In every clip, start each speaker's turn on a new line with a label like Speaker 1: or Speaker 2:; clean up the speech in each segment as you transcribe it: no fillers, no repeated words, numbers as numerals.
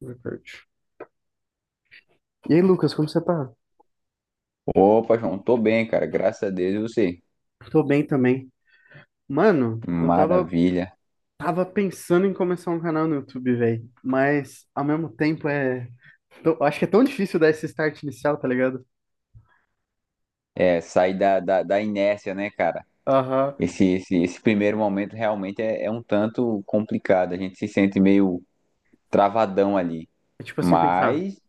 Speaker 1: Recorde. E aí, Lucas, como você tá?
Speaker 2: Opa, João, tô bem, cara. Graças a Deus, e você?
Speaker 1: Tô bem também. Mano, eu tava,
Speaker 2: Maravilha.
Speaker 1: tava pensando em começar um canal no YouTube, velho. Mas, ao mesmo tempo. Acho que é tão difícil dar esse start inicial, tá ligado?
Speaker 2: É, sair da inércia, né, cara?
Speaker 1: Aham.
Speaker 2: Esse primeiro momento realmente é um tanto complicado. A gente se sente meio travadão ali.
Speaker 1: É tipo assim, pensar,
Speaker 2: Mas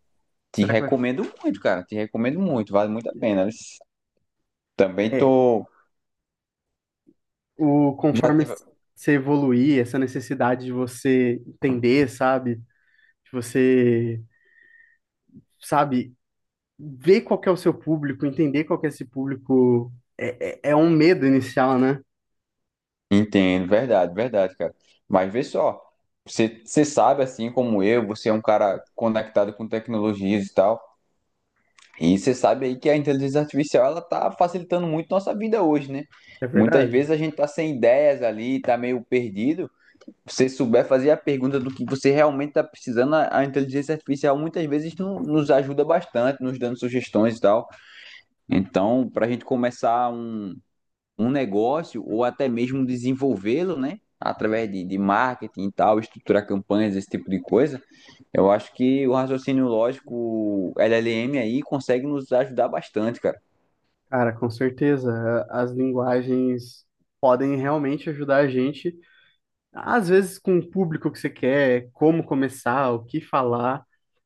Speaker 2: te
Speaker 1: será que vai ficar.
Speaker 2: recomendo muito, cara. Te recomendo muito. Vale muito a pena. Também
Speaker 1: É,
Speaker 2: tô.
Speaker 1: conforme você evoluir, essa necessidade de você entender, sabe? De você, sabe, ver qual que é o seu público, entender qual que é esse público. É um medo inicial, né?
Speaker 2: Entendo, verdade, verdade, cara. Mas vê só. Você sabe, assim como eu, você é um cara conectado com tecnologias e tal. E você sabe aí que a inteligência artificial ela tá facilitando muito nossa vida hoje, né?
Speaker 1: É
Speaker 2: Muitas vezes
Speaker 1: verdade?
Speaker 2: a gente tá sem ideias ali, tá meio perdido. Se você souber fazer a pergunta do que você realmente tá precisando, a inteligência artificial muitas vezes nos ajuda bastante, nos dando sugestões e tal. Então, para a gente começar um negócio ou até mesmo desenvolvê-lo, né? Através de marketing e tal, estruturar campanhas, esse tipo de coisa, eu acho que o raciocínio lógico, LLM aí, consegue nos ajudar bastante, cara.
Speaker 1: Cara, com certeza. As linguagens podem realmente ajudar a gente, às vezes com o público que você quer, como começar, o que falar.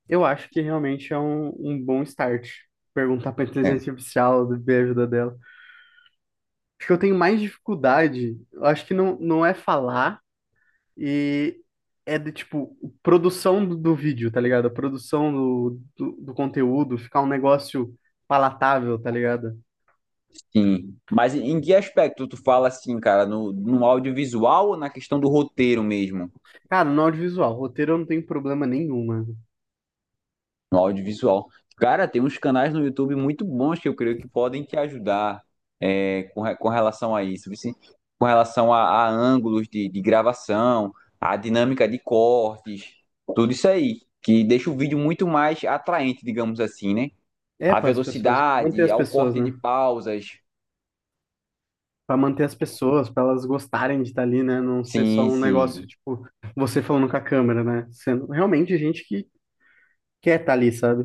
Speaker 1: Eu acho que realmente é um bom start. Perguntar para
Speaker 2: É,
Speaker 1: inteligência artificial, ver a ajuda dela. Acho que eu tenho mais dificuldade, eu acho que não, não é falar e é de tipo, produção do vídeo, tá ligado? A produção do conteúdo, ficar um negócio palatável, tá ligado?
Speaker 2: sim. Mas em que aspecto tu fala assim, cara? No audiovisual ou na questão do roteiro mesmo?
Speaker 1: Cara, no audiovisual, roteiro eu não tenho problema nenhum, mano.
Speaker 2: No audiovisual. Cara, tem uns canais no YouTube muito bons que eu creio que podem te ajudar é, com relação a isso. Com relação a ângulos de gravação, a dinâmica de cortes, tudo isso aí. Que deixa o vídeo muito mais atraente, digamos assim, né?
Speaker 1: É
Speaker 2: A
Speaker 1: para as pessoas, manter
Speaker 2: velocidade,
Speaker 1: as
Speaker 2: ao
Speaker 1: pessoas,
Speaker 2: corte de
Speaker 1: né?
Speaker 2: pausas.
Speaker 1: Para manter as pessoas, para elas gostarem de estar ali, né? Não ser só
Speaker 2: Sim,
Speaker 1: um negócio,
Speaker 2: sim.
Speaker 1: tipo, você falando com a câmera, né? Sendo realmente gente que quer estar ali, sabe?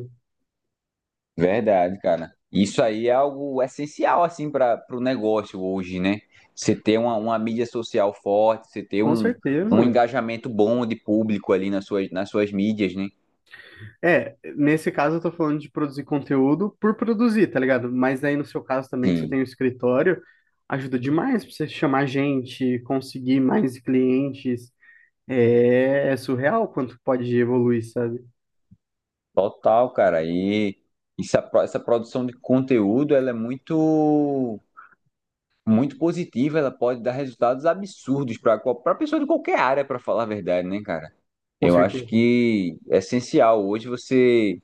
Speaker 2: Verdade, cara. Isso aí é algo essencial, assim, para o negócio hoje, né? Você ter uma mídia social forte, você ter
Speaker 1: Com
Speaker 2: um
Speaker 1: certeza.
Speaker 2: engajamento bom de público ali nas nas suas mídias, né?
Speaker 1: É, nesse caso eu tô falando de produzir conteúdo por produzir, tá ligado? Mas aí no seu caso também, que você
Speaker 2: Sim,
Speaker 1: tem o escritório, ajuda demais pra você chamar gente, conseguir mais clientes. É surreal quanto pode evoluir, sabe?
Speaker 2: total, cara. E essa produção de conteúdo, ela é muito positiva, ela pode dar resultados absurdos para pessoa de qualquer área, para falar a verdade, né, cara?
Speaker 1: Com
Speaker 2: Eu acho
Speaker 1: certeza.
Speaker 2: que é essencial hoje você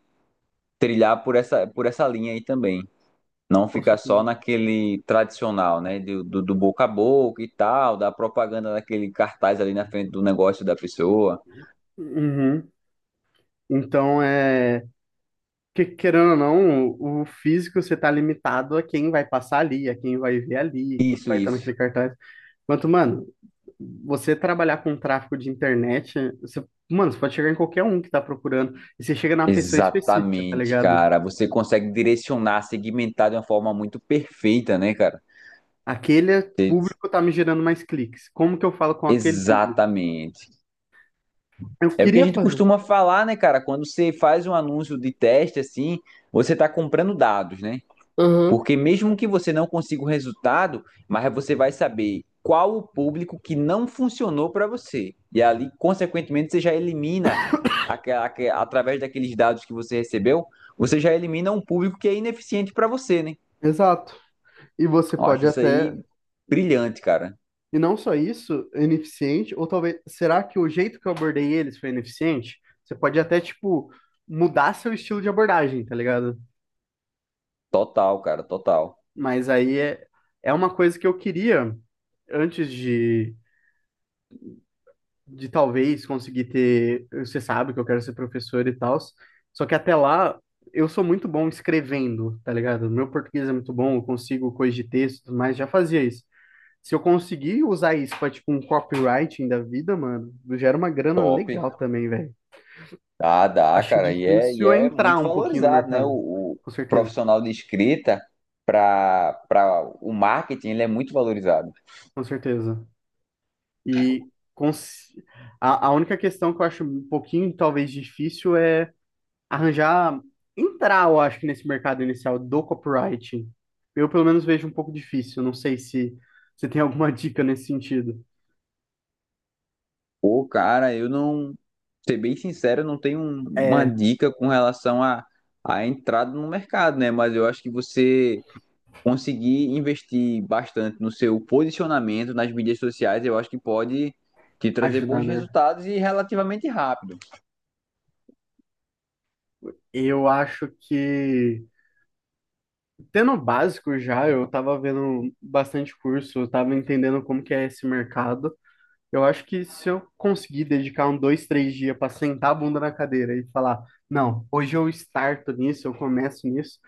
Speaker 2: trilhar por por essa linha aí também. Não
Speaker 1: Com
Speaker 2: ficar só
Speaker 1: certeza.
Speaker 2: naquele tradicional, né? Do boca a boca e tal, da propaganda daquele cartaz ali na frente do negócio da pessoa.
Speaker 1: Uhum. Então. Querendo ou não, o físico você tá limitado a quem vai passar ali, a quem vai ver ali, quem
Speaker 2: Isso,
Speaker 1: vai estar
Speaker 2: isso.
Speaker 1: naquele cartaz. Quanto, mano, você trabalhar com tráfego de internet, você, mano, você pode chegar em qualquer um que tá procurando, e você chega numa pessoa específica, tá
Speaker 2: Exatamente,
Speaker 1: ligado?
Speaker 2: cara. Você consegue direcionar, segmentar de uma forma muito perfeita, né, cara?
Speaker 1: Aquele
Speaker 2: Você-
Speaker 1: público tá me gerando mais cliques. Como que eu falo com aquele público?
Speaker 2: Exatamente.
Speaker 1: Eu
Speaker 2: É o que a
Speaker 1: queria
Speaker 2: gente
Speaker 1: fazer.
Speaker 2: costuma falar, né, cara? Quando você faz um anúncio de teste assim, você tá comprando dados, né?
Speaker 1: Uhum.
Speaker 2: Porque mesmo que você não consiga o resultado, mas você vai saber qual o público que não funcionou para você. E ali, consequentemente, você já através daqueles dados que você recebeu, você já elimina um público que é ineficiente para você, né?
Speaker 1: Exato. E você
Speaker 2: Eu acho
Speaker 1: pode
Speaker 2: isso
Speaker 1: até
Speaker 2: aí brilhante, cara.
Speaker 1: E não só isso, é ineficiente, ou talvez, será que o jeito que eu abordei eles foi ineficiente? Você pode até, tipo, mudar seu estilo de abordagem, tá ligado?
Speaker 2: Total, cara, total.
Speaker 1: Mas aí é uma coisa que eu queria, antes de talvez conseguir ter. Você sabe que eu quero ser professor e tal, só que até lá eu sou muito bom escrevendo, tá ligado? Meu português é muito bom, eu consigo coisas de texto, mas já fazia isso. Se eu conseguir usar isso pra, tipo, um copywriting da vida, mano, gera uma grana
Speaker 2: Top.
Speaker 1: legal também, velho.
Speaker 2: Dá,
Speaker 1: Acho
Speaker 2: cara. E
Speaker 1: difícil é
Speaker 2: é
Speaker 1: entrar
Speaker 2: muito
Speaker 1: um pouquinho no
Speaker 2: valorizado, né?
Speaker 1: mercado.
Speaker 2: O
Speaker 1: Com certeza,
Speaker 2: profissional de escrita para o marketing, ele é muito valorizado.
Speaker 1: com certeza. E cons- a única questão que eu acho um pouquinho, talvez, difícil é arranjar, entrar, eu acho que nesse mercado inicial do copywriting. Eu, pelo menos, vejo um pouco difícil. Não sei se você tem alguma dica nesse sentido.
Speaker 2: Pô, cara, eu não, ser bem sincero, eu não tenho uma
Speaker 1: É,
Speaker 2: dica com relação à entrada no mercado, né? Mas eu acho que você conseguir investir bastante no seu posicionamento nas mídias sociais, eu acho que pode te trazer
Speaker 1: ajudar,
Speaker 2: bons
Speaker 1: né?
Speaker 2: resultados e relativamente rápido.
Speaker 1: Eu acho que tendo o básico já, eu tava vendo bastante curso, eu tava entendendo como que é esse mercado. Eu acho que se eu conseguir dedicar um dois, três dias para sentar a bunda na cadeira e falar, não, hoje eu starto nisso, eu começo nisso,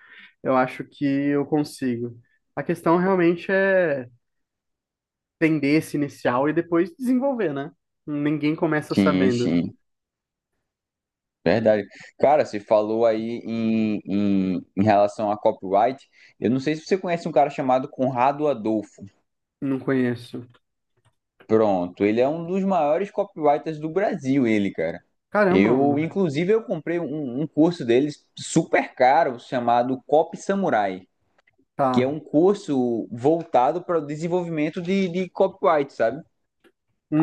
Speaker 1: eu acho que eu consigo. A questão realmente é entender esse inicial e depois desenvolver, né? Ninguém começa
Speaker 2: Sim,
Speaker 1: sabendo.
Speaker 2: sim, verdade. Cara, você falou aí em relação a copyright. Eu não sei se você conhece um cara chamado Conrado Adolfo.
Speaker 1: Não conheço.
Speaker 2: Pronto, ele é um dos maiores copywriters do Brasil, ele, cara.
Speaker 1: Caramba,
Speaker 2: Eu,
Speaker 1: mano.
Speaker 2: inclusive, eu comprei um curso dele super caro chamado Copy Samurai, que é
Speaker 1: Tá.
Speaker 2: um curso voltado para o desenvolvimento de copyright, sabe?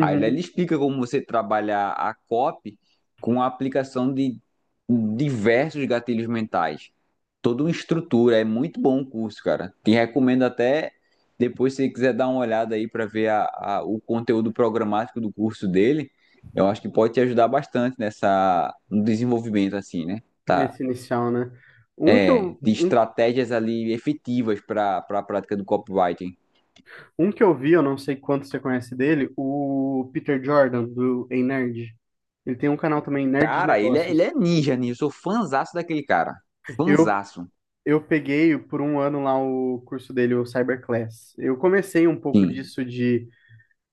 Speaker 2: Aí ele explica como você trabalhar a COP com a aplicação de diversos gatilhos mentais. Toda uma estrutura, é muito bom o curso, cara. Te recomendo até depois, se você quiser dar uma olhada aí para ver o conteúdo programático do curso dele, eu acho que pode te ajudar bastante nessa, no desenvolvimento, assim, né? Tá.
Speaker 1: Nesse inicial, né? Um que
Speaker 2: É,
Speaker 1: eu,
Speaker 2: de
Speaker 1: um
Speaker 2: estratégias ali efetivas para a prática do copywriting.
Speaker 1: Um que eu vi, eu não sei quanto você conhece dele, o Peter Jordan, do Ei Nerd. Ele tem um canal também, Nerd de
Speaker 2: Cara, ele
Speaker 1: Negócios.
Speaker 2: é ninja nisso. Eu sou fãzaço daquele cara.
Speaker 1: Eu,
Speaker 2: Fanzaço.
Speaker 1: eu peguei por um ano lá o curso dele, o Cyberclass. Eu comecei um pouco
Speaker 2: Sim,
Speaker 1: disso de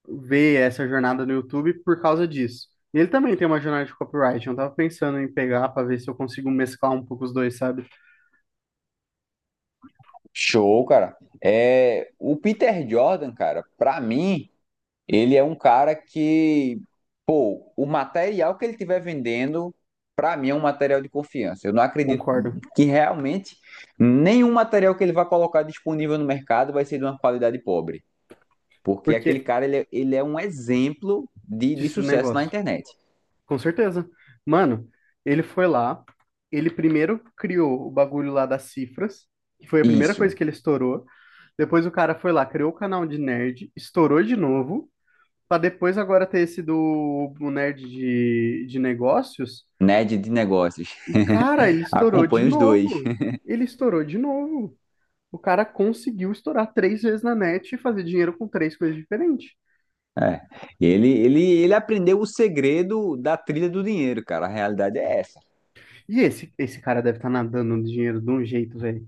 Speaker 1: ver essa jornada no YouTube por causa disso. E ele também tem uma jornada de copyright. Eu tava pensando em pegar para ver se eu consigo mesclar um pouco os dois, sabe?
Speaker 2: show, cara. É, o Peter Jordan, cara, pra mim, ele é um cara que, pô, o material que ele estiver vendendo, pra mim é um material de confiança. Eu não acredito
Speaker 1: Concordo.
Speaker 2: que realmente nenhum material que ele vai colocar disponível no mercado vai ser de uma qualidade pobre. Porque aquele
Speaker 1: Porque
Speaker 2: cara, ele é um exemplo de
Speaker 1: disse o
Speaker 2: sucesso na
Speaker 1: negócio.
Speaker 2: internet.
Speaker 1: Com certeza. Mano, ele foi lá, ele primeiro criou o bagulho lá das cifras, que foi a primeira
Speaker 2: Isso,
Speaker 1: coisa que ele estourou. Depois o cara foi lá, criou o canal de nerd, estourou de novo, pra depois agora ter esse do o nerd de negócios.
Speaker 2: nerd de negócios.
Speaker 1: E, cara, ele estourou de
Speaker 2: Acompanhe os dois.
Speaker 1: novo. Ele estourou de novo. O cara conseguiu estourar três vezes na net e fazer dinheiro com três coisas diferentes.
Speaker 2: É. Ele aprendeu o segredo da trilha do dinheiro, cara. A realidade é essa.
Speaker 1: E esse cara deve estar nadando no dinheiro de um jeito, velho.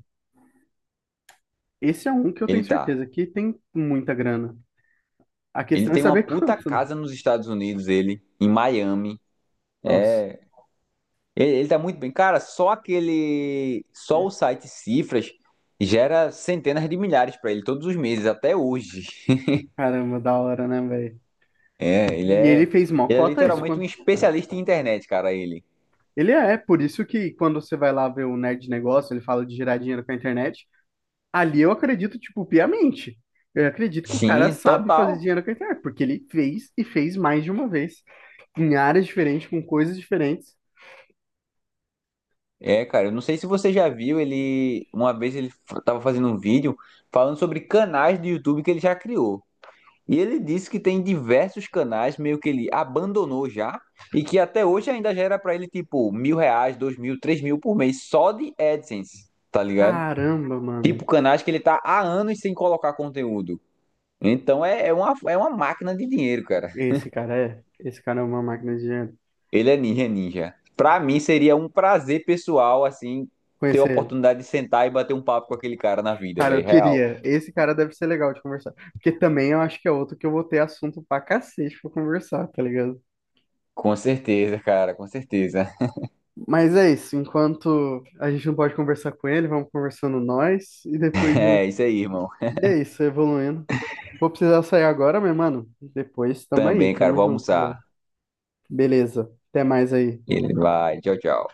Speaker 1: Esse é um que eu tenho
Speaker 2: Ele
Speaker 1: certeza
Speaker 2: tá.
Speaker 1: que tem muita grana. A
Speaker 2: Ele
Speaker 1: questão é
Speaker 2: tem
Speaker 1: saber
Speaker 2: uma puta
Speaker 1: quanto, né?
Speaker 2: casa nos Estados Unidos, ele, em Miami.
Speaker 1: Nossa,
Speaker 2: É. Ele tá muito bem. Cara, só aquele. Só o site Cifras gera centenas de milhares pra ele todos os meses, até hoje.
Speaker 1: caramba, da hora, né, velho?
Speaker 2: É, ele
Speaker 1: E ele
Speaker 2: é.
Speaker 1: fez mó
Speaker 2: Ele é
Speaker 1: cota isso.
Speaker 2: literalmente um
Speaker 1: Quando...
Speaker 2: especialista em internet, cara, ele.
Speaker 1: Ele é, por isso que quando você vai lá ver o Nerd Negócio, ele fala de gerar dinheiro com a internet. Ali eu acredito, tipo, piamente. Eu acredito que o cara
Speaker 2: Sim,
Speaker 1: sabe fazer
Speaker 2: total.
Speaker 1: dinheiro com a internet, porque ele fez e fez mais de uma vez, em áreas diferentes, com coisas diferentes.
Speaker 2: É, cara, eu não sei se você já viu, ele uma vez ele tava fazendo um vídeo falando sobre canais do YouTube que ele já criou. E ele disse que tem diversos canais meio que ele abandonou já e que até hoje ainda gera pra ele tipo 1000 reais, 2000, 3000 por mês só de AdSense, tá ligado?
Speaker 1: Caramba, mano.
Speaker 2: Tipo canais que ele tá há anos sem colocar conteúdo. Então é uma máquina de dinheiro, cara.
Speaker 1: Esse cara é uma máquina de dinheiro.
Speaker 2: Ele é ninja, é ninja. Pra mim seria um prazer pessoal, assim, ter a
Speaker 1: Conhecer ele.
Speaker 2: oportunidade de sentar e bater um papo com aquele cara na vida,
Speaker 1: Cara, eu
Speaker 2: velho. Real.
Speaker 1: queria. Esse cara deve ser legal de conversar. Porque também eu acho que é outro que eu vou ter assunto pra cacete pra conversar, tá ligado?
Speaker 2: Com certeza, cara, com certeza.
Speaker 1: Mas é isso. Enquanto a gente não pode conversar com ele, vamos conversando nós. E depois junto.
Speaker 2: É isso aí, irmão.
Speaker 1: E é isso, evoluindo. Vou precisar sair agora, meu mano. Depois tamo aí,
Speaker 2: Também, cara,
Speaker 1: tamo
Speaker 2: vou
Speaker 1: junto, velho.
Speaker 2: almoçar.
Speaker 1: Beleza. Até mais aí.
Speaker 2: Ele vai. Tchau, tchau.